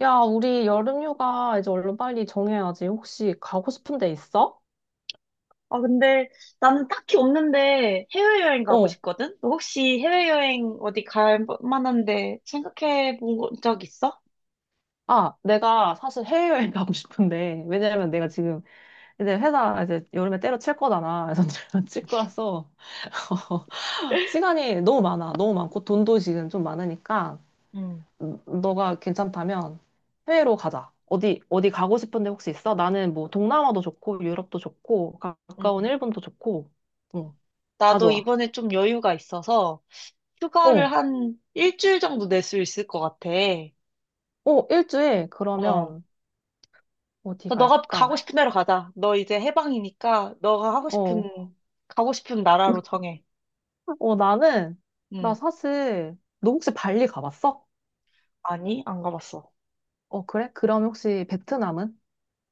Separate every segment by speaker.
Speaker 1: 야, 우리 여름휴가 이제 얼른 빨리 정해야지. 혹시 가고 싶은 데 있어?
Speaker 2: 아, 근데 나는 딱히 없는데 해외여행 가고
Speaker 1: 어.
Speaker 2: 싶거든? 너 혹시 해외여행 어디 갈 만한데 생각해 본 적 있어?
Speaker 1: 아, 내가 사실 해외여행 가고 싶은데, 왜냐면 내가
Speaker 2: 응,
Speaker 1: 지금 이제 회사 이제 여름에 때려칠 거잖아. 그래서 칠 거라서. 시간이 너무 많아. 너무 많고, 돈도 지금 좀 많으니까,
Speaker 2: 응,
Speaker 1: 너가 괜찮다면 해외로 가자. 어디 가고 싶은 데 혹시 있어? 나는 뭐 동남아도 좋고, 유럽도 좋고,
Speaker 2: 응.
Speaker 1: 가까운 일본도 좋고, 응, 다
Speaker 2: 나도
Speaker 1: 좋아.
Speaker 2: 이번에 좀 여유가 있어서 휴가를
Speaker 1: 어,
Speaker 2: 한 일주일 정도 낼 수 있을 것 같아.
Speaker 1: 어, 일주일?
Speaker 2: 어.
Speaker 1: 그러면, 어디
Speaker 2: 그래서 너가 가고
Speaker 1: 갈까?
Speaker 2: 싶은 데로 가자. 너 이제 해방이니까 너가 하고
Speaker 1: 어,
Speaker 2: 싶은, 가고 싶은 나라로 정해.
Speaker 1: 어, 나는, 나
Speaker 2: 응.
Speaker 1: 사실, 너 혹시 발리 가봤어?
Speaker 2: 아니, 안 가봤어.
Speaker 1: 어, 그래? 그럼 혹시 베트남은?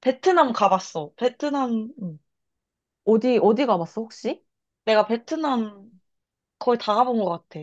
Speaker 2: 베트남 가봤어. 베트남, 응.
Speaker 1: 어디 가봤어, 혹시?
Speaker 2: 내가 베트남 거의 다 가본 것 같아.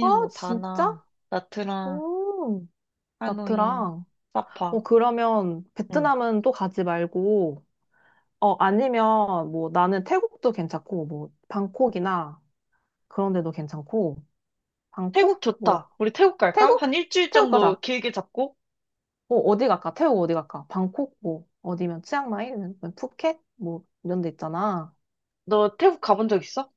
Speaker 1: 아,
Speaker 2: 뭐
Speaker 1: 진짜?
Speaker 2: 다낭, 나트랑,
Speaker 1: 오,
Speaker 2: 하노이,
Speaker 1: 나트랑.
Speaker 2: 사파.
Speaker 1: 어, 그러면
Speaker 2: 응.
Speaker 1: 베트남은 또 가지 말고, 어, 아니면 뭐 나는 태국도 괜찮고, 뭐, 방콕이나 그런 데도 괜찮고,
Speaker 2: 태국
Speaker 1: 방콕? 뭐,
Speaker 2: 좋다. 우리 태국 갈까? 한
Speaker 1: 태국?
Speaker 2: 일주일
Speaker 1: 태국
Speaker 2: 정도
Speaker 1: 가자.
Speaker 2: 길게 잡고.
Speaker 1: 어, 어디 갈까? 태국 어디 갈까? 방콕 뭐 어디면 치앙마이 아니면 푸켓 뭐 이런 데 있잖아.
Speaker 2: 너 태국 가본 적 있어?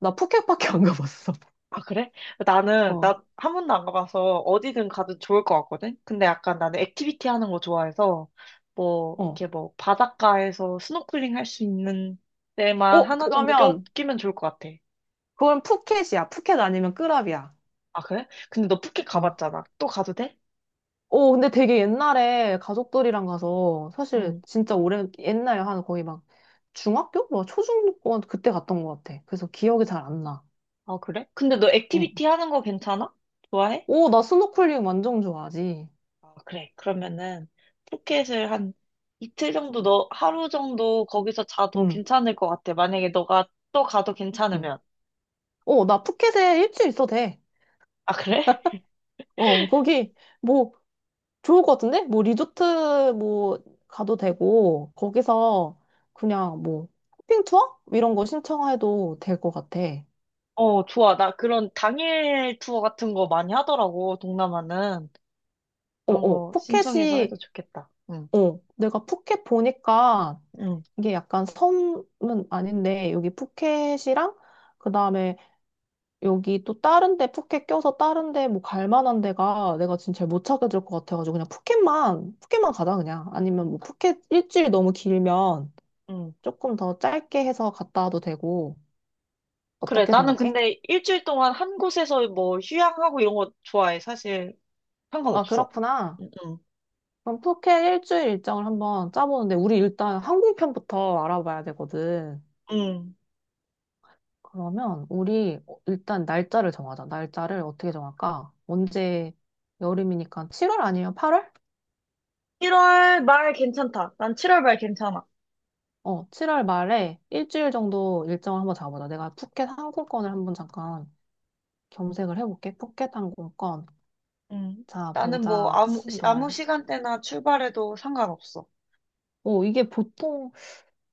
Speaker 1: 나 푸켓밖에 안 가봤어.
Speaker 2: 아, 그래? 나는,
Speaker 1: 어,
Speaker 2: 나 한 번도 안 가봐서 어디든 가도 좋을 것 같거든? 근데 약간 나는 액티비티 하는 거 좋아해서, 뭐,
Speaker 1: 어.
Speaker 2: 이렇게 뭐, 바닷가에서 스노클링 할 수 있는 데만
Speaker 1: 어,
Speaker 2: 하나 정도
Speaker 1: 그러면
Speaker 2: 끼면 좋을 것 같아.
Speaker 1: 그건 푸켓이야. 푸켓 아니면 끄랍이야.
Speaker 2: 아, 그래? 근데 너 푸켓
Speaker 1: 어.
Speaker 2: 가봤잖아. 또 가도 돼?
Speaker 1: 어, 근데 되게 옛날에 가족들이랑 가서 사실
Speaker 2: 응.
Speaker 1: 진짜 오래 옛날에 한 거의 막 중학교? 뭐 초중고 그때 갔던 것 같아. 그래서 기억이 잘 안 나.
Speaker 2: 아, 그래? 근데 너
Speaker 1: 응.
Speaker 2: 액티비티 하는 거 괜찮아? 좋아해?
Speaker 1: 오, 나 스노클링 완전 좋아하지.
Speaker 2: 아, 그래. 그러면은 푸켓을 한 이틀 정도 너 하루 정도 거기서 자도
Speaker 1: 응.
Speaker 2: 괜찮을 것 같아. 만약에 너가 또 가도
Speaker 1: 응.
Speaker 2: 괜찮으면.
Speaker 1: 어, 나 푸켓에 일주일 있어도 돼.
Speaker 2: 아, 그래?
Speaker 1: 어, 거기 뭐 좋을 것 같은데? 뭐 리조트 뭐 가도 되고 거기서 그냥 뭐 쇼핑 투어 이런 거 신청해도 될 것 같아.
Speaker 2: 어, 좋아. 나 그런 당일 투어 같은 거 많이 하더라고, 동남아는. 그런
Speaker 1: 어.
Speaker 2: 거 신청해서 해도
Speaker 1: 푸켓이
Speaker 2: 좋겠다. 응,
Speaker 1: 어, 내가 푸켓 보니까
Speaker 2: 응,
Speaker 1: 이게 약간 섬은 아닌데 여기 푸켓이랑 그다음에 여기 또 다른 데 푸켓 껴서 다른 데 뭐 갈 만한 데가 내가 진짜 잘 못 찾게 될 것 같아가지고 그냥 푸켓만 가자. 그냥 아니면 뭐 푸켓 일주일 너무 길면
Speaker 2: 응.
Speaker 1: 조금 더 짧게 해서 갔다 와도 되고
Speaker 2: 그래.
Speaker 1: 어떻게
Speaker 2: 나는
Speaker 1: 생각해?
Speaker 2: 근데 일주일 동안 한 곳에서 뭐 휴양하고 이런 거 좋아해. 사실
Speaker 1: 아,
Speaker 2: 상관없어.
Speaker 1: 그렇구나.
Speaker 2: 응, 응.
Speaker 1: 그럼 푸켓 일주일 일정을 한번 짜보는데, 우리 일단 항공편부터 알아봐야 되거든.
Speaker 2: 응.
Speaker 1: 그러면 우리 일단 날짜를 정하자. 날짜를 어떻게 정할까? 언제 여름이니까 7월 아니면 8월?
Speaker 2: 1월 말 괜찮다. 난 7월 말 괜찮아.
Speaker 1: 어, 7월 말에 일주일 정도 일정을 한번 잡아보자. 내가 푸켓 항공권을 한번 잠깐 검색을 해볼게. 푸켓 항공권.
Speaker 2: 응,
Speaker 1: 자,
Speaker 2: 나는 뭐
Speaker 1: 보자.
Speaker 2: 아무, 아무
Speaker 1: 7월.
Speaker 2: 시간대나 출발해도 상관없어.
Speaker 1: 오, 이게 보통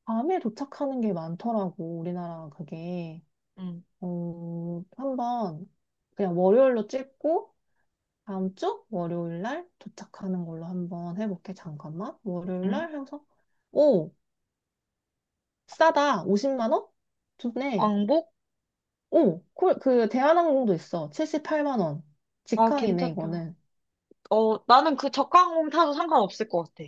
Speaker 1: 밤에 도착하는 게 많더라고, 우리나라 그게.
Speaker 2: 응,
Speaker 1: 어, 한번 그냥 월요일로 찍고 다음 주 월요일 날 도착하는 걸로 한번 해볼게. 잠깐만. 월요일
Speaker 2: 응.
Speaker 1: 날 해서 오 싸다. 50만 원? 좋네.
Speaker 2: 왕복?
Speaker 1: 오, 콜, 그 대한항공도 있어. 78만 원.
Speaker 2: 아,
Speaker 1: 직항이네
Speaker 2: 괜찮다.
Speaker 1: 이거는.
Speaker 2: 어, 나는 그 저가항공 타도 상관없을 것 같아.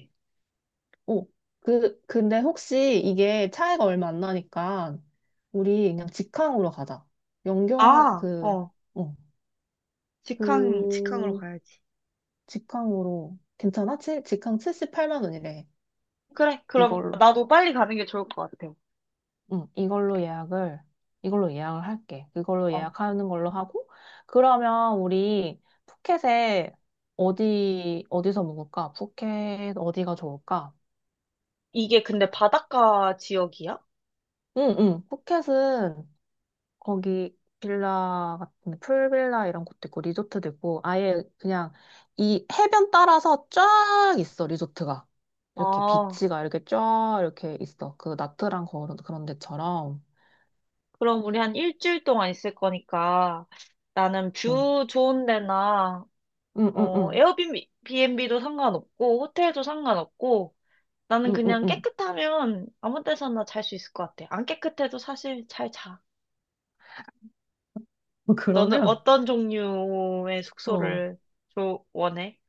Speaker 1: 오, 그 근데 혹시 이게 차이가 얼마 안 나니까 우리 그냥 직항으로 가자. 연결
Speaker 2: 아,
Speaker 1: 그
Speaker 2: 어,
Speaker 1: 어,
Speaker 2: 직항, 직항으로
Speaker 1: 그
Speaker 2: 가야지.
Speaker 1: 직항으로 괜찮아? 직항 78만 원이래.
Speaker 2: 그래, 그럼
Speaker 1: 이걸로,
Speaker 2: 나도 빨리 가는 게 좋을 것 같아.
Speaker 1: 응, 이걸로 예약을, 이걸로 예약을 할게. 이걸로
Speaker 2: 어,
Speaker 1: 예약하는 걸로 하고, 그러면 우리 푸켓에 어디서 묵을까? 푸켓 어디가 좋을까?
Speaker 2: 이게 근데 바닷가 지역이야?
Speaker 1: 응, 응, 푸켓은 거기 빌라 같은 풀빌라 이런 곳도 있고 리조트도 있고 아예 그냥 이 해변 따라서 쫙 있어 리조트가 이렇게
Speaker 2: 아,
Speaker 1: 비치가 이렇게 쫙 이렇게 있어 그 나트랑 그런 데처럼
Speaker 2: 그럼 우리 한 일주일 동안 있을 거니까 나는 뷰 좋은 데나 어, 에어비앤비도 상관없고, 호텔도 상관없고, 나는 그냥
Speaker 1: 응응응응응응응
Speaker 2: 깨끗하면 아무 데서나 잘 수 있을 것 같아. 안 깨끗해도 사실 잘 자. 너는
Speaker 1: 그러면
Speaker 2: 어떤 종류의
Speaker 1: 어
Speaker 2: 숙소를 원해?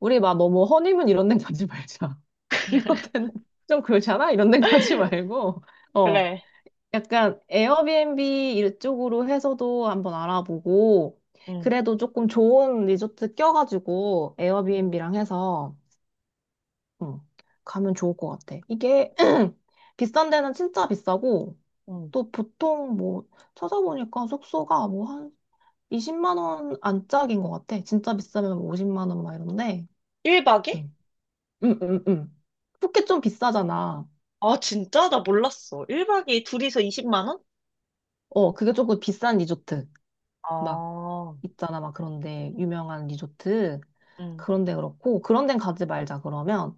Speaker 1: 우리 막 너무 허니문 이런 데 가지 말자. 이런 데는 좀 그렇잖아. 이런 데 가지 말고 어
Speaker 2: 그래.
Speaker 1: 약간 에어비앤비 이쪽으로 해서도 한번 알아보고,
Speaker 2: 응,
Speaker 1: 그래도 조금 좋은 리조트 껴가지고,
Speaker 2: 응,
Speaker 1: 에어비앤비랑 해서, 음, 가면 좋을 것 같아. 이게 비싼 데는 진짜 비싸고,
Speaker 2: 응.
Speaker 1: 또 보통 뭐, 찾아보니까 숙소가 뭐 한 20만 원 안짝인 것 같아. 진짜 비싸면 뭐 50만 원 막 이런데,
Speaker 2: 1박에?
Speaker 1: 음, 음, 음, 음. 푸켓 좀 비싸잖아.
Speaker 2: 아, 진짜? 나 몰랐어. 1박에 둘이서 20만 원?
Speaker 1: 어, 그게 조금 비싼 리조트. 막
Speaker 2: 아,
Speaker 1: 있잖아, 막 그런데 유명한 리조트
Speaker 2: 응.
Speaker 1: 그런 데 그렇고 그런 데 가지 말자. 그러면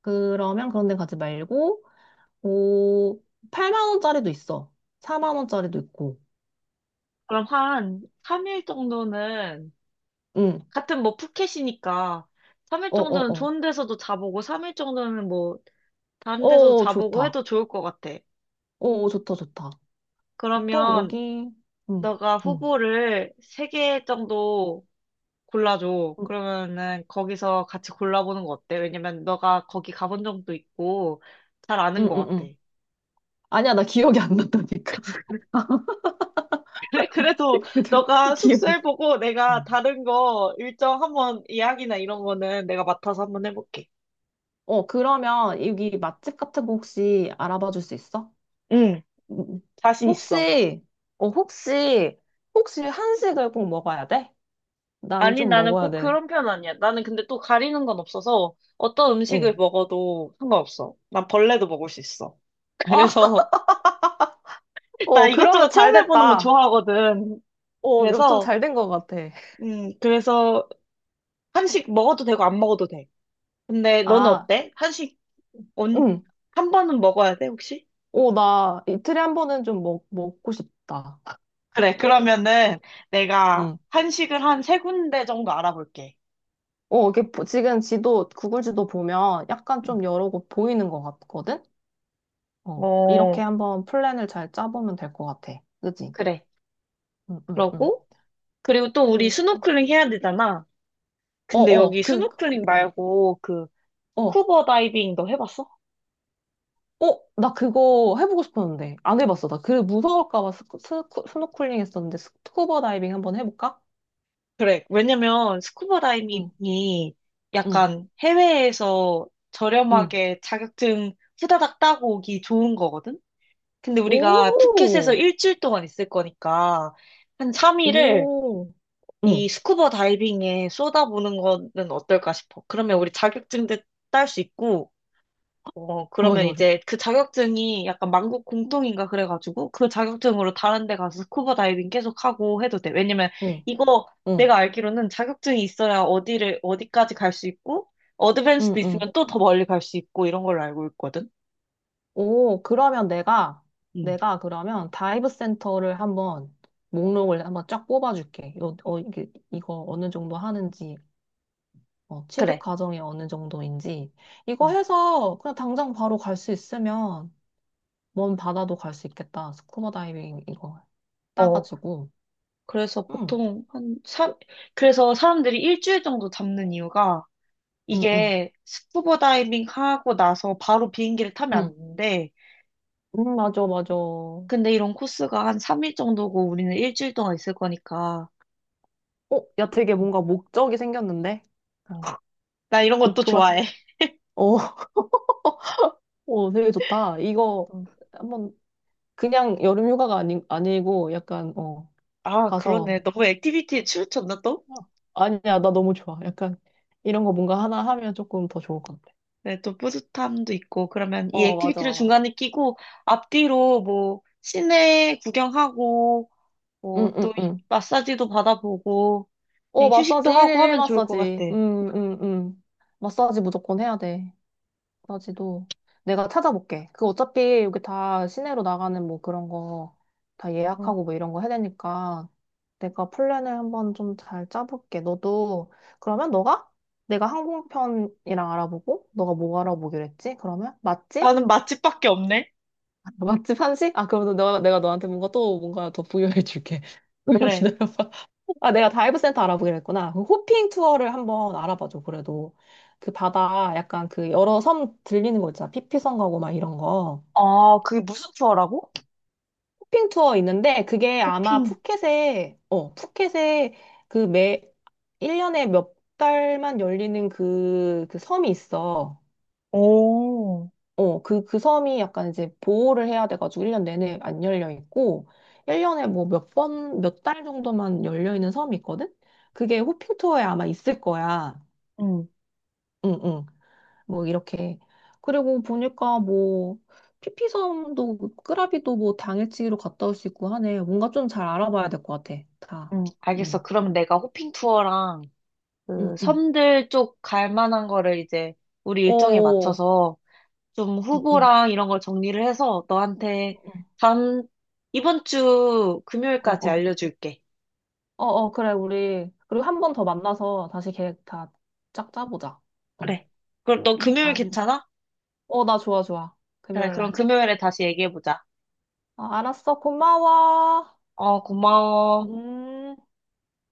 Speaker 1: 그러면 그런 데 가지 말고 오 8만 원짜리도 있어 4만 원짜리도 있고
Speaker 2: 그럼 한 3일 정도는,
Speaker 1: 응
Speaker 2: 같은 뭐 푸켓이니까, 3일
Speaker 1: 어 어
Speaker 2: 정도는
Speaker 1: 어
Speaker 2: 좋은 데서도 자보고, 3일 정도는 뭐 다른 데서도
Speaker 1: 어
Speaker 2: 자보고
Speaker 1: 좋다
Speaker 2: 해도 좋을 것 같아.
Speaker 1: 어 좋다 좋다 보통
Speaker 2: 그러면
Speaker 1: 여기
Speaker 2: 너가 후보를 세 개 정도 골라줘. 그러면은 거기서 같이 골라보는 거 어때? 왜냐면 너가 거기 가본 적도 있고 잘 아는 것
Speaker 1: 응응응응응응
Speaker 2: 같아.
Speaker 1: 아니야 나 기억이 안 난다니까.
Speaker 2: 그래도 너가
Speaker 1: 기억이
Speaker 2: 숙소 해보고 내가
Speaker 1: 응.
Speaker 2: 다른 거 일정 한번 예약이나 이런 거는 내가 맡아서 한번 해볼게.
Speaker 1: 어 그러면 여기 맛집 같은 거 혹시 알아봐 줄 수 있어?
Speaker 2: 응,
Speaker 1: 음,
Speaker 2: 자신 있어.
Speaker 1: 혹시, 어, 혹시, 혹시 한식을 꼭 먹어야 돼? 나는
Speaker 2: 아니,
Speaker 1: 좀
Speaker 2: 나는
Speaker 1: 먹어야
Speaker 2: 꼭
Speaker 1: 돼.
Speaker 2: 그런 편 아니야. 나는 근데 또 가리는 건 없어서 어떤 음식을
Speaker 1: 어.
Speaker 2: 먹어도 상관없어. 난 벌레도 먹을 수 있어.
Speaker 1: 아,
Speaker 2: 그래서 나
Speaker 1: 어, 그러면
Speaker 2: 이것저것
Speaker 1: 잘
Speaker 2: 체험해보는 거
Speaker 1: 됐다.
Speaker 2: 좋아하거든.
Speaker 1: 어, 좀
Speaker 2: 그래서,
Speaker 1: 잘 된 것 같아.
Speaker 2: 그래서 한식 먹어도 되고 안 먹어도 돼. 근데 너는
Speaker 1: 아,
Speaker 2: 어때? 한식 온,
Speaker 1: 응.
Speaker 2: 한 번은 먹어야 돼, 혹시?
Speaker 1: 어, 나 이틀에 한 번은 좀 먹고 싶다.
Speaker 2: 그래, 그러면은 내가
Speaker 1: 응.
Speaker 2: 한식을 한 세 군데 정도 알아볼게.
Speaker 1: 어, 지금 지도, 구글 지도 보면 약간
Speaker 2: 음.
Speaker 1: 좀 여러 곳 보이는 것 같거든? 어, 이렇게
Speaker 2: 어,
Speaker 1: 한번 플랜을 잘 짜보면 될 것 같아. 그지?
Speaker 2: 그래.
Speaker 1: 응, 응, 응.
Speaker 2: 그러고, 그리고 또 우리
Speaker 1: 그리고,
Speaker 2: 스노클링 해야 되잖아.
Speaker 1: 어,
Speaker 2: 근데 여기 스노클링 말고 그
Speaker 1: 어.
Speaker 2: 스쿠버 다이빙도 해봤어?
Speaker 1: 어? 나 그거 해보고 싶었는데. 안 해봤어. 나 그 무서울까 봐 스노클링 했었는데 스쿠버 다이빙 한번 해볼까?
Speaker 2: 그래. 왜냐면 스쿠버
Speaker 1: 응,
Speaker 2: 다이빙이
Speaker 1: 응,
Speaker 2: 약간 해외에서
Speaker 1: 응.
Speaker 2: 저렴하게 자격증 후다닥 따고 오기 좋은 거거든? 근데 우리가 푸켓에서
Speaker 1: 오,
Speaker 2: 일주일 동안 있을 거니까 한 3일을
Speaker 1: 오. 응,
Speaker 2: 이 스쿠버 다이빙에 쏟아부는 거는 어떨까 싶어. 그러면 우리 자격증도 딸 수 있고 어,
Speaker 1: 좋아,
Speaker 2: 그러면
Speaker 1: 좋아, 좋아.
Speaker 2: 이제 그 자격증이 약간 만국 공통인가 그래가지고 그 자격증으로 다른 데 가서 스쿠버 다이빙 계속 하고 해도 돼. 왜냐면
Speaker 1: 응,
Speaker 2: 이거
Speaker 1: 응,
Speaker 2: 내가 알기로는 자격증이 있어야 어디를, 어디까지 갈 수 있고
Speaker 1: 응,
Speaker 2: 어드밴스도
Speaker 1: 응.
Speaker 2: 있으면 또 더 멀리 갈 수 있고 이런 걸로 알고 있거든.
Speaker 1: 오, 그러면 내가,
Speaker 2: 음
Speaker 1: 내가 그러면 다이브 센터를 한번 목록을 한번 쫙 뽑아줄게. 이거 어느 정도 하는지, 어, 취득
Speaker 2: 그래.
Speaker 1: 과정이 어느 정도인지. 이거
Speaker 2: 어.
Speaker 1: 해서 그냥 당장 바로 갈 수 있으면 먼 바다도 갈 수 있겠다. 스쿠버 다이빙 이거
Speaker 2: 어,
Speaker 1: 따가지고.
Speaker 2: 그래서
Speaker 1: 응,
Speaker 2: 보통 한 삼 그래서 사람들이 일주일 정도 잡는 이유가
Speaker 1: 응, 응,
Speaker 2: 이게 스쿠버 다이빙 하고 나서 바로 비행기를 타면
Speaker 1: 응.
Speaker 2: 안 돼.
Speaker 1: 응, 맞아, 맞아. 어,
Speaker 2: 근데 이런 코스가 한 3일 정도고 우리는 일주일 동안 있을 거니까.
Speaker 1: 야, 되게 뭔가 목적이 생겼는데?
Speaker 2: 어. 나 이런 것도
Speaker 1: 목표가, 생-
Speaker 2: 좋아해.
Speaker 1: 어, 어, 되게 좋다. 이거
Speaker 2: 음.
Speaker 1: 한번 그냥 여름 휴가가 아니, 아니고 약간, 어,
Speaker 2: 아, 그러네.
Speaker 1: 가서,
Speaker 2: 너무 액티비티에 치우쳤나 또?
Speaker 1: 어, 아니야, 나 너무 좋아. 약간 이런 거 뭔가 하나 하면 조금 더 좋을 것 같아.
Speaker 2: 네, 또 뿌듯함도 있고. 그러면 이
Speaker 1: 어,
Speaker 2: 액티비티를
Speaker 1: 맞아.
Speaker 2: 중간에 끼고 앞뒤로 뭐 시내 구경하고 뭐
Speaker 1: 응, 응,
Speaker 2: 또
Speaker 1: 응.
Speaker 2: 마사지도 받아보고
Speaker 1: 어,
Speaker 2: 그냥 휴식도
Speaker 1: 마사지
Speaker 2: 하고
Speaker 1: 1일 1
Speaker 2: 하면 좋을 것 같아.
Speaker 1: 마사지. 응, 응, 응. 마사지 무조건 해야 돼. 나 지도 내가 찾아볼게. 그 어차피 여기 다 시내로 나가는 뭐 그런 거 다
Speaker 2: 음.
Speaker 1: 예약하고 뭐 이런 거 해야 되니까 내가 플랜을 한번 좀 잘 짜볼게. 너도 그러면 너가 내가 항공편이랑 알아보고 너가 뭐 알아보기로 했지? 그러면 맛집?
Speaker 2: 나는 맛집밖에 없네.
Speaker 1: 맛집 한식? 아 그러면 내가 너한테 뭔가 또 뭔가 더 부여해 줄게. 잠깐
Speaker 2: 그래.
Speaker 1: 기다려봐. 아, 내가 다이브 센터 알아보기로 했구나. 그 호핑 투어를 한번 알아봐줘, 그래도. 그 바다, 약간 그 여러 섬 들리는 거 있잖아. 피피섬 가고 막 이런 거.
Speaker 2: 아, 그게 무슨 투어라고?
Speaker 1: 호핑 투어 있는데, 그게 아마
Speaker 2: 호핑.
Speaker 1: 푸켓에 그 매, 1년에 몇 달만 열리는 그 섬이 있어.
Speaker 2: 오.
Speaker 1: 어, 그 섬이 약간 이제 보호를 해야 돼가지고 1년 내내 안 열려 있고, 1년에 뭐 몇 번, 몇 달 정도만 열려 있는 섬이 있거든? 그게 호핑 투어에 아마 있을 거야.
Speaker 2: 응
Speaker 1: 응응. 뭐 이렇게. 그리고 보니까 뭐 피피섬도 끄라비도 뭐 당일치기로 갔다 올 수 있고 하네. 뭔가 좀 잘 알아봐야 될 것 같아. 다.
Speaker 2: 응, 알겠어.
Speaker 1: 응.
Speaker 2: 그러면 내가 호핑 투어랑
Speaker 1: 응,
Speaker 2: 그
Speaker 1: 응.
Speaker 2: 섬들 쪽 갈 만한 거를 이제 우리 일정에
Speaker 1: 어.
Speaker 2: 맞춰서 좀
Speaker 1: 응, 응.
Speaker 2: 후보랑 이런 걸 정리를 해서
Speaker 1: 응,
Speaker 2: 너한테
Speaker 1: 응.
Speaker 2: 다음, 이번 주
Speaker 1: 어,
Speaker 2: 금요일까지
Speaker 1: 어.
Speaker 2: 알려줄게.
Speaker 1: 어, 어, 그래, 우리. 그리고 한 번 더 만나서 다시 계획 다 짝 짜보자. 어.
Speaker 2: 그래. 그럼 너 금요일
Speaker 1: 알
Speaker 2: 괜찮아?
Speaker 1: 어, 나 좋아, 좋아.
Speaker 2: 그래,
Speaker 1: 금요일
Speaker 2: 그럼
Speaker 1: 날.
Speaker 2: 금요일에 다시 얘기해보자.
Speaker 1: 어, 알았어. 고마워.
Speaker 2: 어, 고마워.
Speaker 1: 음.